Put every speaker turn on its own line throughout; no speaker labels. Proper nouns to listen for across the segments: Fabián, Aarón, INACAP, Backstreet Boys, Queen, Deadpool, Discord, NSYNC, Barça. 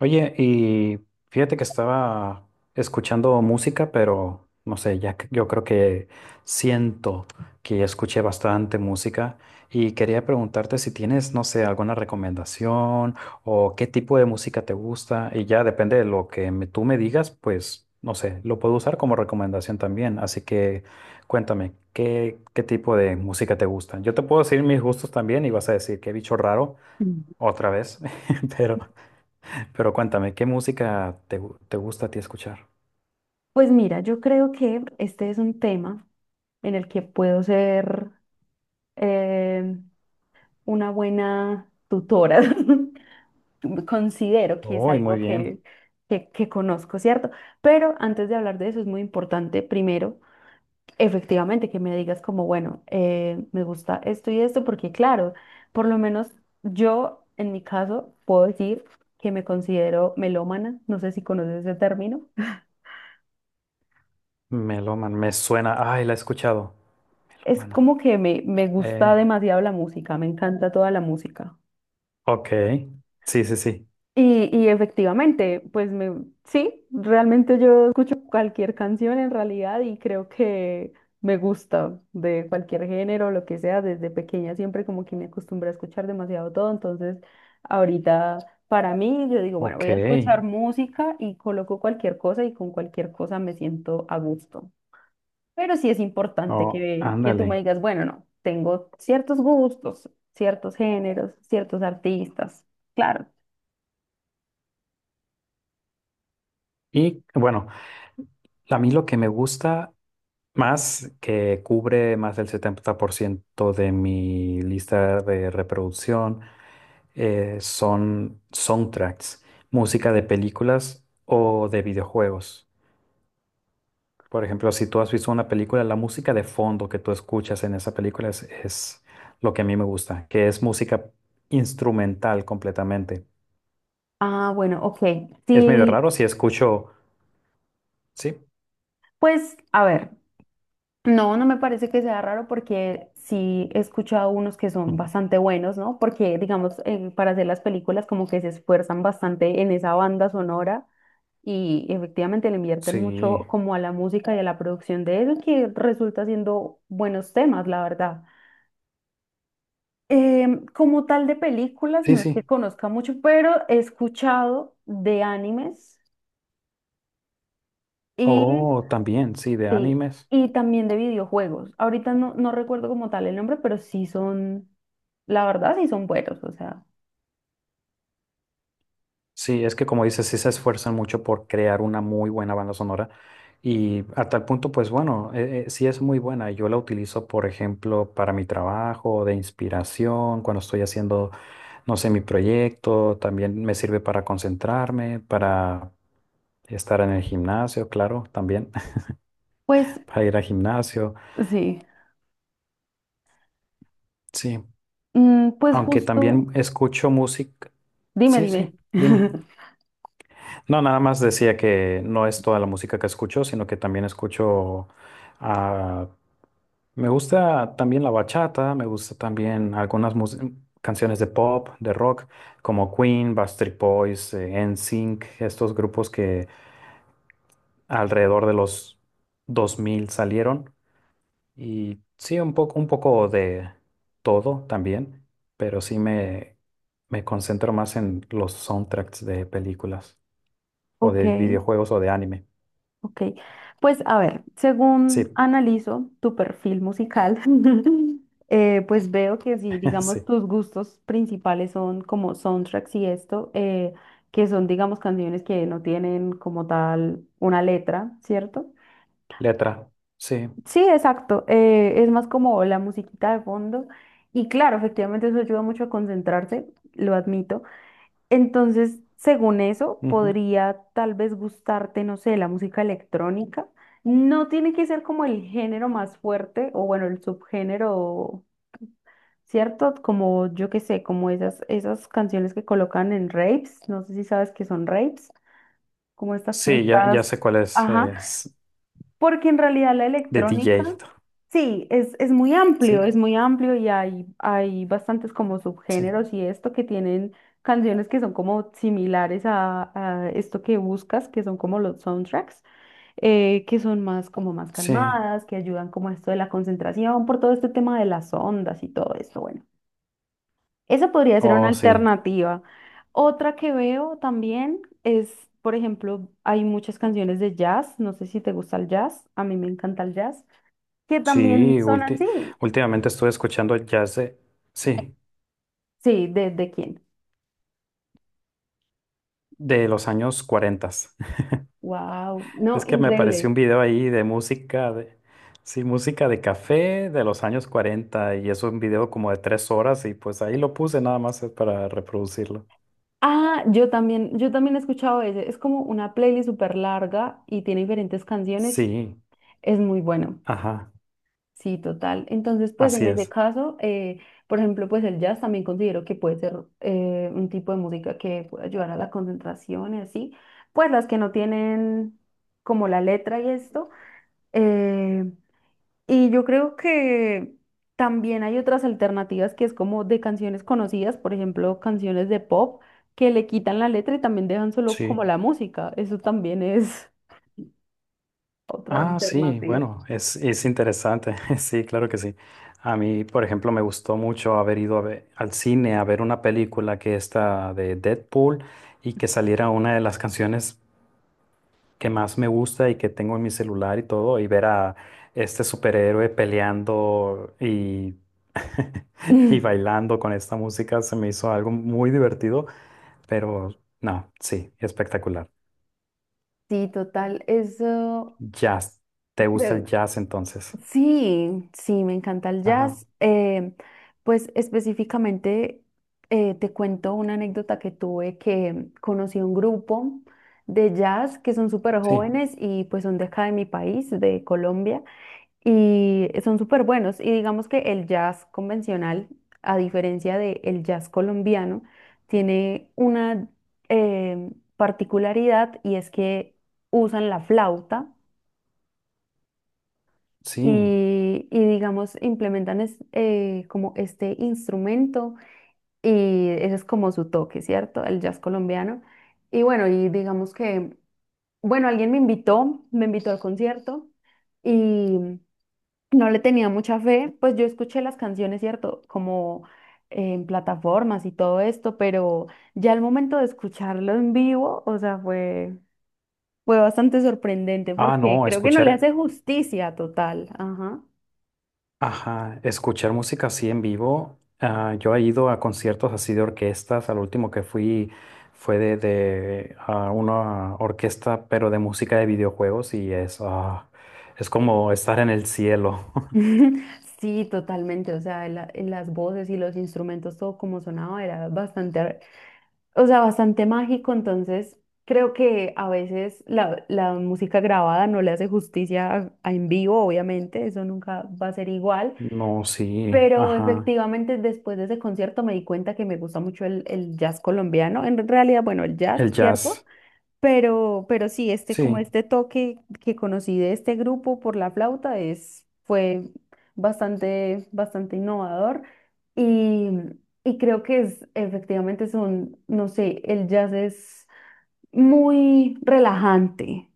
Oye, y fíjate que estaba escuchando música, pero no sé, yo creo que siento que escuché bastante música y quería preguntarte si tienes, no sé, alguna recomendación o qué tipo de música te gusta y ya depende de lo que tú me digas, pues no sé, lo puedo usar como recomendación también, así que cuéntame, ¿qué tipo de música te gusta? Yo te puedo decir mis gustos también y vas a decir qué bicho raro
Mm.
otra vez, pero... Pero cuéntame, ¿qué música te gusta a ti escuchar?
Pues mira, yo creo que este es un tema en el que puedo ser eh, una buena tutora. Considero que es
Uy,
algo
muy bien.
que conozco, ¿cierto? Pero antes de hablar de eso es muy importante, primero, efectivamente, que me digas como, bueno, me gusta esto y esto, porque claro, por lo menos yo, en mi caso, puedo decir que me considero melómana, no sé si conoces ese término.
Meloman, me suena. Ay, la he escuchado.
Es
Melómano.
como que me gusta
Eh,
demasiado la música, me encanta toda la música.
ok. Sí, sí, sí.
Y efectivamente, pues realmente yo escucho cualquier canción en realidad y creo que me gusta de cualquier género, lo que sea, desde pequeña siempre como que me acostumbré a escuchar demasiado todo, entonces ahorita para mí yo digo, bueno,
Ok.
voy a escuchar música y coloco cualquier cosa y con cualquier cosa me siento a gusto. Pero sí es importante
Oh,
que tú me
ándale.
digas, bueno, no, tengo ciertos gustos, ciertos géneros, ciertos artistas. Claro.
Y bueno, a mí lo que me gusta más, que cubre más del 70% de mi lista de reproducción, son soundtracks, música de películas o de videojuegos. Por ejemplo, si tú has visto una película, la música de fondo que tú escuchas en esa película es lo que a mí me gusta, que es música instrumental completamente.
Ah, bueno, ok.
Es medio
Sí,
raro si escucho, sí,
pues a ver, no me parece que sea raro porque sí he escuchado unos que son
ujú,
bastante buenos, ¿no? Porque, digamos, para hacer las películas como que se esfuerzan bastante en esa banda sonora y efectivamente le invierten
sí,
mucho como a la música y a la producción de eso que resulta siendo buenos temas, la verdad. Como tal de películas,
sí,
no es que
sí.
conozca mucho, pero he escuchado de animes y,
Oh, también, sí, de
sí,
animes.
y también de videojuegos. Ahorita no recuerdo como tal el nombre, pero sí son, la verdad, sí son buenos. O sea,
Sí, es que como dices, sí se esfuerzan mucho por crear una muy buena banda sonora y a tal punto, pues bueno, sí es muy buena. Yo la utilizo, por ejemplo, para mi trabajo, de inspiración, cuando estoy haciendo no sé, mi proyecto, también me sirve para concentrarme, para estar en el gimnasio, claro, también
pues
para ir al gimnasio.
sí.
Sí,
Mm, pues
aunque
justo,
también escucho música.
dime,
Sí,
dime.
sí, dime. No, nada más decía que no es toda la música que escucho, sino que también escucho, ah, me gusta también la bachata, me gusta también canciones de pop, de rock, como Queen, Backstreet Boys, NSYNC, estos grupos que alrededor de los 2000 salieron y sí, un poco de todo también, pero sí me concentro más en los soundtracks de películas o
Ok.
de videojuegos o de anime.
Ok, pues a ver, según
Sí,
analizo tu perfil musical, pues veo que si, digamos,
sí.
tus gustos principales son como soundtracks y esto, que son, digamos, canciones que no tienen como tal una letra, ¿cierto?
Letra, sí.
Sí, exacto, es más como la musiquita de fondo y claro, efectivamente eso ayuda mucho a concentrarse, lo admito. Entonces, según eso,
Ujú.
podría tal vez gustarte, no sé, la música electrónica. No tiene que ser como el género más fuerte o bueno, el subgénero, ¿cierto? Como yo qué sé, como esas canciones que colocan en raves, no sé si sabes que son raves, como estas
Sí, ya
fiestas,
sé cuál es,
ajá,
es
porque en realidad la
de
electrónica,
DJ.
sí,
Sí,
es muy amplio y hay bastantes como
sí,
subgéneros y esto que tienen canciones que son como similares a esto que buscas, que son como los soundtracks, que son más como más
sí.
calmadas, que ayudan como a esto de la concentración, por todo este tema de las ondas y todo esto, bueno. Esa podría ser una
Oh, sí.
alternativa. Otra que veo también es, por ejemplo, hay muchas canciones de jazz, no sé si te gusta el jazz, a mí me encanta el jazz, que también
Sí,
son así.
últimamente estuve escuchando jazz de, sí,
Sí, de quién?
de los años 40.
Wow, no,
Es que me apareció
increíble.
un video ahí de música, de, sí, música de café de los años 40 y es un video como de 3 horas y pues ahí lo puse nada más para reproducirlo.
Ah, yo también he escuchado ese. Es como una playlist súper larga y tiene diferentes canciones.
Sí,
Es muy bueno.
ajá,
Sí, total. Entonces, pues en
así
ese
es,
caso, por ejemplo, pues el jazz también considero que puede ser un tipo de música que puede ayudar a la concentración y así. Pues las que no tienen como la letra y esto. eh, y yo creo que también hay otras alternativas que es como de canciones conocidas, por ejemplo, canciones de pop que le quitan la letra y también dejan solo como
sí.
la música. Eso también es otra
Ah, sí,
alternativa.
bueno, es interesante, sí, claro que sí. A mí, por ejemplo, me gustó mucho haber ido a al cine a ver una película que está de Deadpool y que saliera una de las canciones que más me gusta y que tengo en mi celular y todo, y ver a este superhéroe peleando y, y bailando con esta música se me hizo algo muy divertido, pero no, sí, espectacular.
Sí, total. Eso
Jazz. ¿Te gusta el
creo.
jazz entonces?
Sí, sí, me encanta el
Ajá,
jazz. Pues específicamente te cuento una anécdota que tuve que conocí un grupo de jazz que son súper
sí,
jóvenes y pues son de acá de mi país, de Colombia, y son súper buenos. Y digamos que el jazz convencional, a diferencia del jazz colombiano, tiene una eh, particularidad y es que usan la flauta
sí.
y, digamos, como este instrumento y ese es como su toque, ¿cierto? El jazz colombiano. Y bueno, y digamos que, bueno, me invitó al concierto y no le tenía mucha fe, pues yo escuché las canciones, ¿cierto? Como en plataformas y todo esto, pero ya al momento de escucharlo en vivo, o sea, fue bastante sorprendente
Ah,
porque
no,
creo que no le
escuchar.
hace justicia total. Ajá.
Ajá, escuchar música así en vivo. Ah, yo he ido a conciertos así de orquestas. Al último que fui fue de, una orquesta, pero de música de videojuegos y es como estar en el cielo.
Sí, totalmente. O sea, las voces y los instrumentos, todo como sonaba, o sea, bastante mágico. Entonces, creo que a veces la música grabada no le hace justicia a en vivo, obviamente, eso nunca va a ser igual.
No, sí,
Pero
ajá.
efectivamente, después de ese concierto me di cuenta que me gusta mucho el jazz colombiano. En realidad, bueno, el jazz,
El
¿cierto?
jazz.
Pero sí, este, como
Sí,
este toque que conocí de este grupo por la flauta es, fue bastante, bastante innovador y, y creo que es, efectivamente son, no sé, el jazz es muy relajante,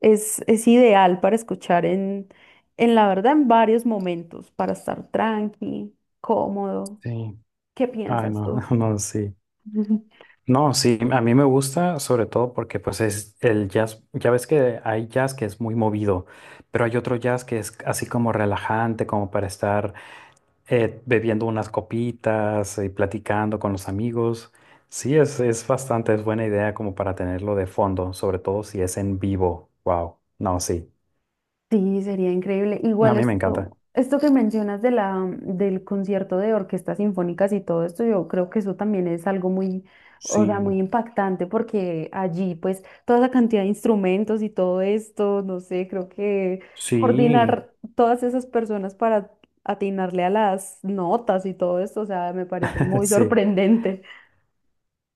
es ideal para escuchar en la verdad, en varios momentos, para estar tranqui, cómodo.
sí.
¿Qué
Ay,
piensas
no,
tú?
no, sí. No, sí, a mí me gusta sobre todo porque pues es el jazz, ya ves que hay jazz que es muy movido, pero hay otro jazz que es así como relajante, como para estar bebiendo unas copitas y platicando con los amigos. Sí, es bastante, es buena idea como para tenerlo de fondo, sobre todo si es en vivo. Wow. No, sí.
Sí, sería increíble.
A
Igual
mí me encanta.
esto, esto que mencionas de la, mm, del concierto de orquestas sinfónicas y todo esto, yo creo que eso también es algo muy, o sea,
Sí,
muy impactante porque allí pues toda esa cantidad de instrumentos y todo esto, no sé, creo que
sí,
coordinar todas esas personas para atinarle a las notas y todo esto, o sea, me parece muy
sí.
sorprendente.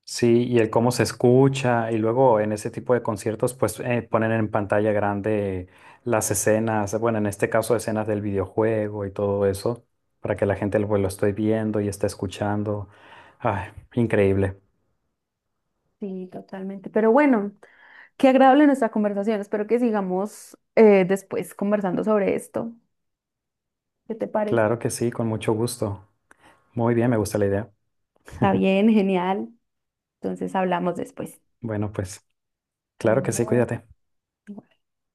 Sí, y el cómo se escucha, y luego en ese tipo de conciertos, pues ponen en pantalla grande las escenas, bueno, en este caso escenas del videojuego y todo eso, para que la gente lo esté viendo y esté escuchando. Ay, increíble.
Sí, totalmente. Pero bueno, qué agradable nuestra conversación. Espero que sigamos después conversando sobre esto. ¿Qué te parece?
Claro que sí, con mucho gusto. Muy bien, me gusta la idea.
Está bien, genial. Entonces hablamos después.
Bueno, pues claro que sí,
Adiós.
cuídate.